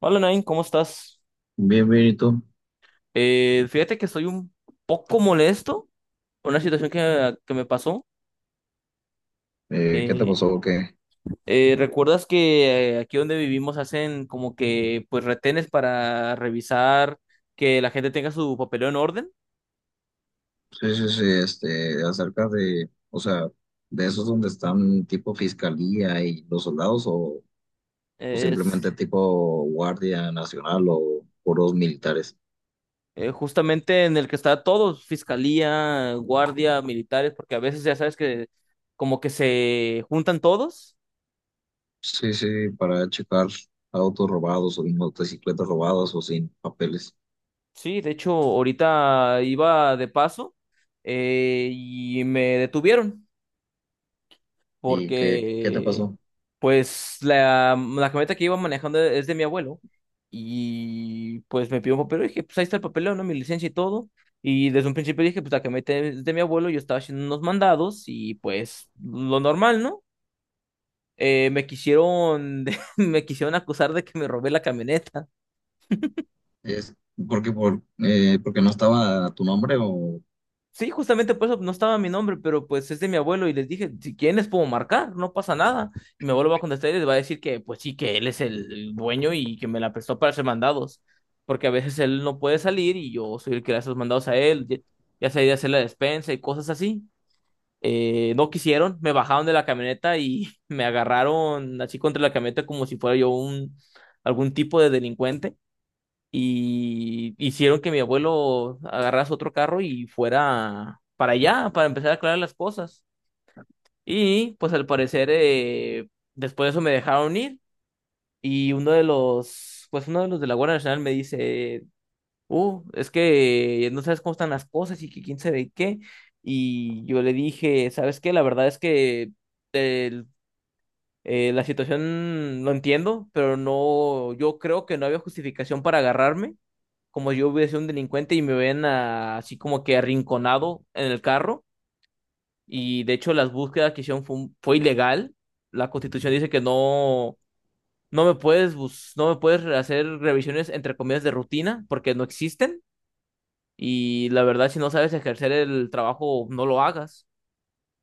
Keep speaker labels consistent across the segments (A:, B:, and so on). A: Hola Nain, ¿cómo estás?
B: Bien, bien, ¿y tú?
A: Fíjate que estoy un poco molesto por una situación que me pasó.
B: ¿Qué te
A: Eh,
B: pasó? O ¿qué?
A: ¿Recuerdas que aquí donde vivimos hacen como que pues retenes para revisar que la gente tenga su papeleo en orden?
B: Sí, sí, sí, este, acerca de, o sea, de esos donde están tipo fiscalía y los soldados, o
A: Es
B: simplemente tipo guardia nacional o puros militares.
A: justamente en el que está todo, fiscalía, guardia, militares, porque a veces ya sabes que como que se juntan todos.
B: Sí, sí, para checar autos robados o motocicletas robadas o sin papeles.
A: Sí, de hecho, ahorita iba de paso, y me detuvieron
B: ¿Y qué te
A: porque,
B: pasó?
A: pues, la camioneta que iba manejando es de mi abuelo y, pues, me pidió un papel. Y dije, pues, ahí está el papeleo, ¿no? Mi licencia y todo. Y desde un principio dije, pues, la camioneta es de mi abuelo, yo estaba haciendo unos mandados y, pues, lo normal, ¿no? Me quisieron, me quisieron acusar de que me robé la camioneta.
B: Es porque por, porque no estaba tu nombre o
A: Sí, justamente por eso no estaba mi nombre, pero pues es de mi abuelo y les dije, si quieren les puedo marcar, no pasa nada. Y mi abuelo va a contestar y les va a decir que pues sí, que él es el dueño y que me la prestó para hacer mandados, porque a veces él no puede salir y yo soy el que le hace los mandados a él, ya sea ir a hacer la despensa y cosas así. No quisieron, me bajaron de la camioneta y me agarraron así contra la camioneta como si fuera yo un algún tipo de delincuente, y hicieron que mi abuelo agarrase otro carro y fuera para allá, para empezar a aclarar las cosas. Y pues al parecer, después de eso me dejaron ir, y uno de los, pues uno de los de la Guardia Nacional me dice, es que no sabes cómo están las cosas y que quién sabe qué. Y yo le dije, ¿sabes qué? La verdad es que el- la situación lo entiendo, pero no, yo creo que no había justificación para agarrarme como yo hubiera sido un delincuente y me ven ah, así como que arrinconado en el carro. Y de hecho las búsquedas que hicieron fue, fue ilegal. La Constitución dice que no, no me puedes hacer revisiones entre comillas de rutina porque no existen. Y la verdad, si no sabes ejercer el trabajo, no lo hagas.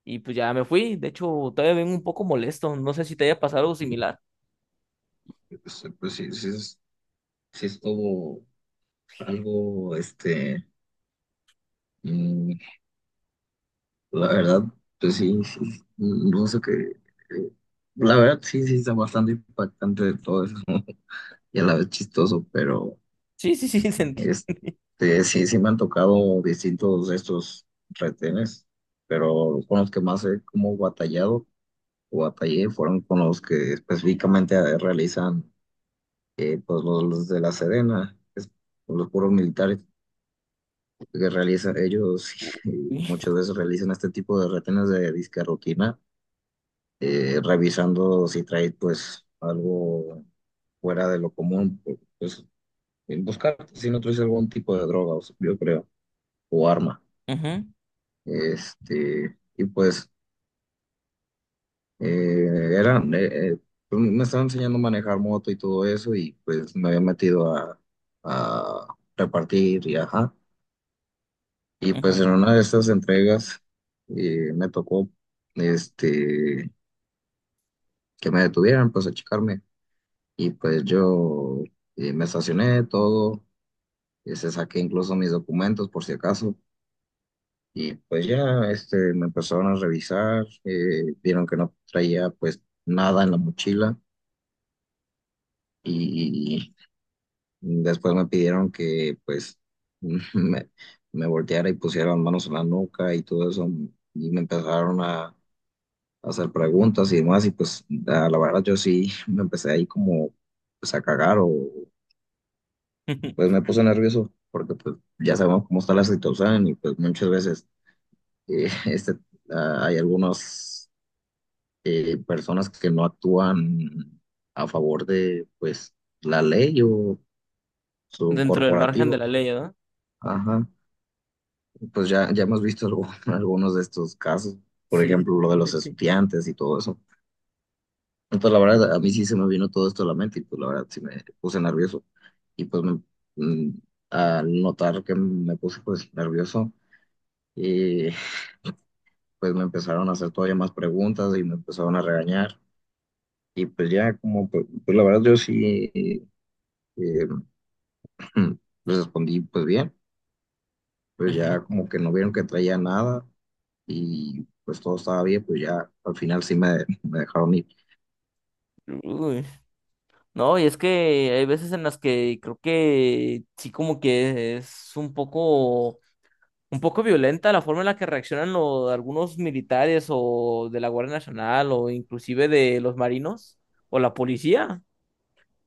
A: Y pues ya me fui. De hecho, todavía vengo un poco molesto. No sé si te haya pasado algo similar.
B: pues, pues sí, sí, sí estuvo algo, mm, la verdad, pues sí, sí, no sé qué. eh, La verdad, sí, sí, está bastante impactante de todo eso y a la vez chistoso, pero
A: Sí, sí, sí, sentí.
B: este, sí, sí me han tocado distintos de estos retenes, pero con los que más he como batallado o batallé fueron con los que específicamente realizan, pues los de la Sedena, los puros militares que realizan ellos, y muchas veces realizan este tipo de retenes de disque rutina, revisando si traes pues algo fuera de lo común, pues buscar pues, si no traes algún tipo de droga, o sea, yo creo, o arma.
A: Ujú,
B: Este, y pues eh, eran, eh, eh, pues, me estaban enseñando a manejar moto y todo eso, y pues me había metido a repartir y ajá. Y pues
A: ujú.
B: en una de estas entregas me tocó este, que me detuvieran, pues a checarme. Y pues yo, me estacioné todo, este, saqué incluso mis documentos por si acaso. Y pues ya este, me empezaron a revisar, vieron que no traía pues nada en la mochila y después me pidieron que pues me, me volteara y pusiera las manos en la nuca y todo eso. Y me empezaron a hacer preguntas y demás, y pues a la verdad yo sí me empecé ahí como pues a cagar, o pues me puse nervioso porque pues ya sabemos cómo está la situación y pues muchas veces este, ah, hay algunas personas que no actúan a favor de pues la ley o su
A: Dentro del margen de
B: corporativo.
A: la ley, ¿no?
B: Ajá, pues ya, ya hemos visto algunos de estos casos, por
A: Sí,
B: ejemplo, lo de los
A: definitivamente.
B: estudiantes y todo eso. Entonces, la verdad, a mí sí se me vino todo esto a la mente y pues la verdad sí me puse nervioso. Y pues me- mm, Al notar que me puse pues nervioso, eh, pues me empezaron a hacer todavía más preguntas y me empezaron a regañar. Y pues ya como, pues, pues la verdad yo sí, eh, respondí pues bien, pues
A: Ujú.
B: ya como que no vieron que traía nada y pues todo estaba bien, pues ya al final sí me dejaron ir.
A: Uy, no, y es que hay veces en las que creo que sí como que es un poco violenta la forma en la que reaccionan algunos militares o de la Guardia Nacional o inclusive de los marinos o la policía,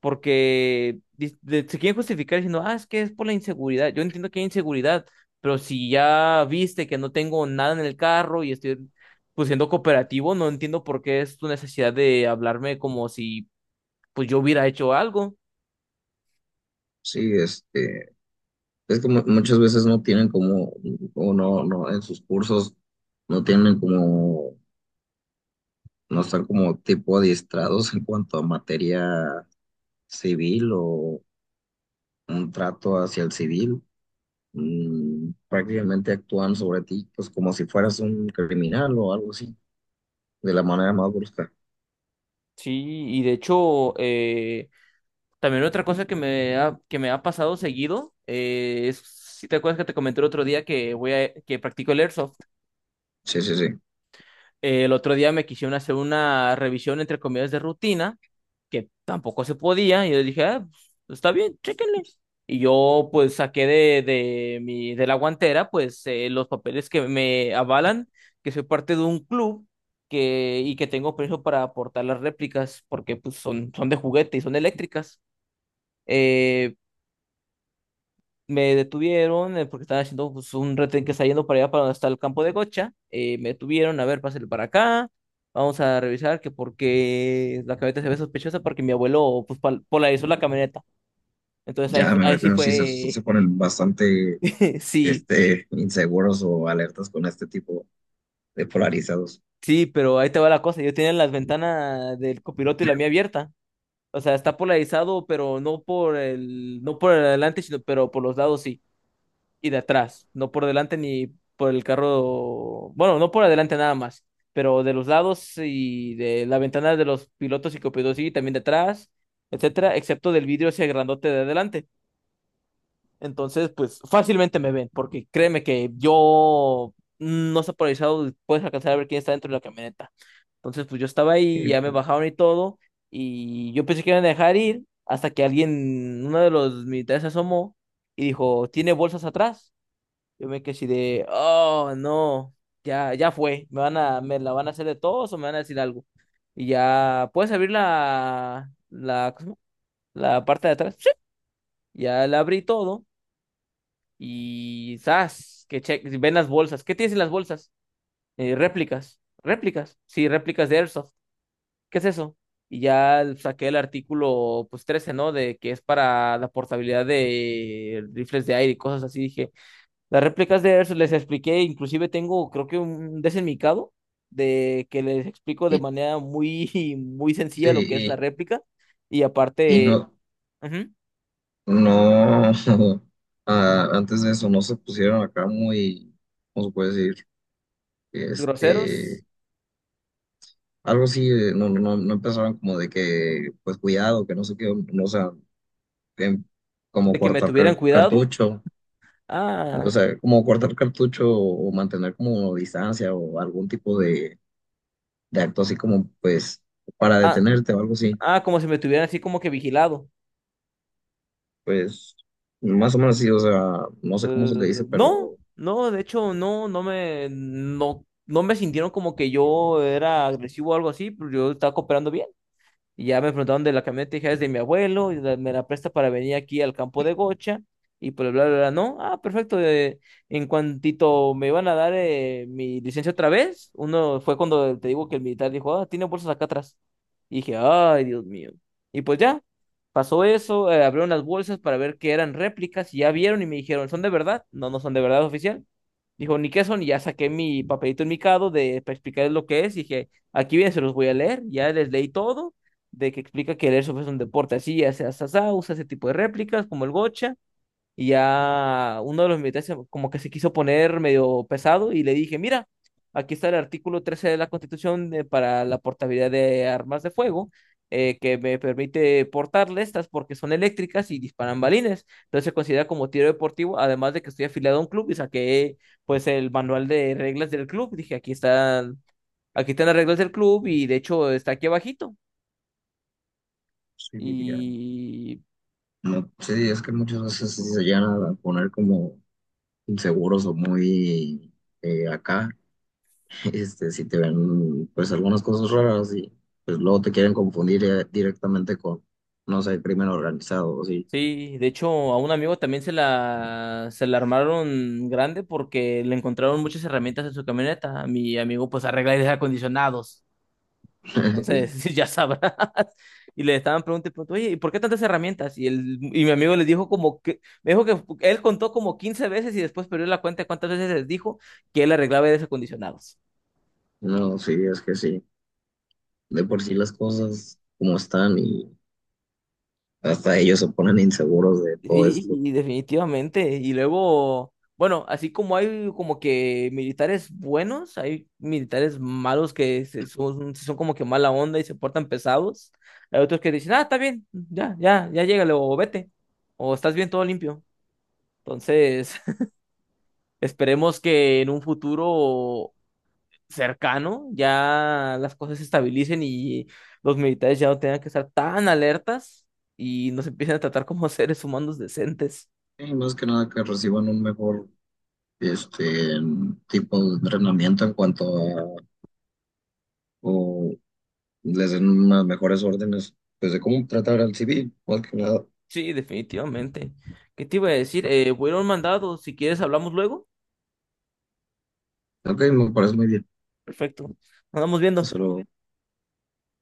A: porque se quieren justificar diciendo, ah, es que es por la inseguridad. Yo entiendo que hay inseguridad, pero si ya viste que no tengo nada en el carro y estoy... pues siendo cooperativo, no entiendo por qué es tu necesidad de hablarme como si pues yo hubiera hecho algo.
B: Sí, este, es que muchas veces no tienen como, o en sus cursos no tienen como, no están como tipo adiestrados en cuanto a materia civil o un trato hacia el civil, mm, prácticamente actúan sobre ti pues como si fueras un criminal o algo así, de la manera más brusca.
A: Sí, y de hecho, también otra cosa que que me ha pasado seguido, es, si te acuerdas que te comenté el otro día que que practico el airsoft.
B: Sí, sí, sí.
A: El otro día me quisieron hacer una revisión entre comillas de rutina que tampoco se podía. Y yo dije, ah, pues, está bien, chéquenle. Y yo pues saqué de mi, de la guantera pues los papeles que me avalan que soy parte de un club y que tengo permiso para aportar las réplicas porque pues son, son de juguete y son eléctricas. Eh, Me detuvieron porque estaban haciendo pues, un retén que está yendo para allá, para donde está el campo de Gocha. Me detuvieron, a ver, pásale para acá. Vamos a revisar que porque la camioneta se ve sospechosa porque mi abuelo pues, polarizó la camioneta. Entonces ahí,
B: Ya me
A: ahí
B: veo que
A: sí
B: no, sí, se
A: fue,
B: ponen bastante
A: sí,
B: este, inseguros o alertas con este tipo de polarizados.
A: sí, pero ahí te va la cosa. Yo tenía las ventanas del copiloto y la mía abierta. O sea, está polarizado, pero no por el adelante, sino pero por los lados sí. Y de atrás, no por delante ni por el carro, bueno, no por adelante nada más, pero de los lados y de la ventana de los pilotos y copilotos y también de atrás, etcétera, excepto del vidrio ese grandote de adelante. Entonces, pues fácilmente me ven, porque créeme que yo no está polarizado, puedes alcanzar a ver quién está dentro de la camioneta. Entonces, pues yo estaba ahí,
B: Y,
A: ya me
B: pues,
A: bajaron y todo, y yo pensé que iban a dejar ir hasta que alguien, uno de los militares se asomó y dijo, ¿tiene bolsas atrás? Yo me quedé así de, oh, no, ya, ya fue, me la van a hacer de todos o me van a decir algo. Y ya, ¿puedes abrir ¿cómo se llama? La parte de atrás? Sí. Ya la abrí todo y ¡zas! Ven las bolsas. ¿Qué tienes en las bolsas? Réplicas. ¿Réplicas? Sí, réplicas de Airsoft. ¿Qué es eso? Y ya saqué el artículo, pues 13 ¿no? De que es para la portabilidad de rifles de aire y cosas así. Dije, las réplicas de Erso les expliqué, inclusive tengo, creo que un desenmicado de que les explico de
B: y-
A: manera muy, muy sencilla lo que es una
B: sí,
A: réplica y
B: y
A: aparte,
B: no,
A: ujú,
B: no, ah, antes de eso no se pusieron acá muy, ¿cómo se puede decir?
A: groseros,
B: Este, algo así, no, no empezaron como de que, pues cuidado, que no sé qué, no, o sea, em, como
A: de que me
B: cortar
A: tuvieran cuidado.
B: cartucho, o
A: Ah,
B: sea, como cortar cartucho, o mantener como distancia o algún tipo de acto así como pues para
A: ah,
B: detenerte o algo así,
A: ah, como si me tuvieran así como que vigilado.
B: pues más o menos sí, o sea, no sé cómo
A: Eh,
B: se le dice,
A: no,
B: pero
A: no, de hecho, no, no, no me sintieron como que yo era agresivo o algo así, pero yo estaba cooperando bien. Y ya me preguntaron de la camioneta y dije, "Ah, es de mi abuelo, y me la presta para venir aquí al campo de Gocha. Y pues bla, bla, bla, no, ah, perfecto. En cuantito me iban a dar mi licencia otra vez, uno fue cuando te digo que el militar dijo, ah, tiene bolsas acá atrás. Y dije, ay, Dios mío. Y pues ya, pasó eso, abrieron las bolsas para ver que eran réplicas y ya vieron y me dijeron, ¿son de verdad? No, no son de verdad oficial. Dijo, ni qué son, y ya saqué mi papelito enmicado de para explicarles lo que es. Y dije, aquí viene, se los voy a leer. Ya les leí todo de que explica que el airsoft es un deporte así, hace asá, usa ese tipo de réplicas como el gocha, y ya uno de los militares como que se quiso poner medio pesado y le dije, mira, aquí está el artículo 13 de la Constitución para la portabilidad de armas de fuego, que me permite portarle estas porque son eléctricas y disparan balines, entonces se considera como tiro deportivo, además de que estoy afiliado a un club y saqué pues el manual de reglas del club, dije, aquí están las reglas del club y de hecho está aquí abajito.
B: sí, diría,
A: Y
B: no, sí, es que muchas veces sí se llegan a poner como inseguros o muy acá, este, si te ven pues algunas cosas raras y pues luego te quieren confundir directamente con no sé, crimen organizado, sí.
A: sí, de hecho, a un amigo también se la armaron grande porque le encontraron muchas herramientas en su camioneta. Mi amigo pues arregla aires acondicionados. Entonces, ya sabrás. Y le estaban preguntando, y preguntando, oye, ¿y por qué tantas herramientas? Y, y mi amigo les dijo como que, me dijo que él contó como 15 veces y después perdió la cuenta de cuántas veces les dijo que él arreglaba aires acondicionados.
B: No, sí, es que sí. De por sí las cosas como están y hasta ellos se ponen inseguros de todo esto.
A: Y definitivamente. Y luego, bueno, así como hay como que militares buenos, hay militares malos que son, son como que mala onda y se portan pesados. Hay otros que dicen, ah, está bien, ya, ya, ya llégale o vete. O estás bien, todo limpio. Entonces, esperemos que en un futuro cercano ya las cosas se estabilicen y los militares ya no tengan que estar tan alertas y nos empiecen a tratar como seres humanos decentes.
B: Y más que nada que reciban un mejor este tipo de entrenamiento en cuanto a, o les den unas mejores órdenes pues de cómo tratar al civil, más que nada.
A: Sí, definitivamente. ¿Qué te iba a decir? Voy a ir a un mandado. Si quieres, hablamos luego.
B: Ok, me parece muy bien.
A: Perfecto. Nos vamos viendo.
B: Solo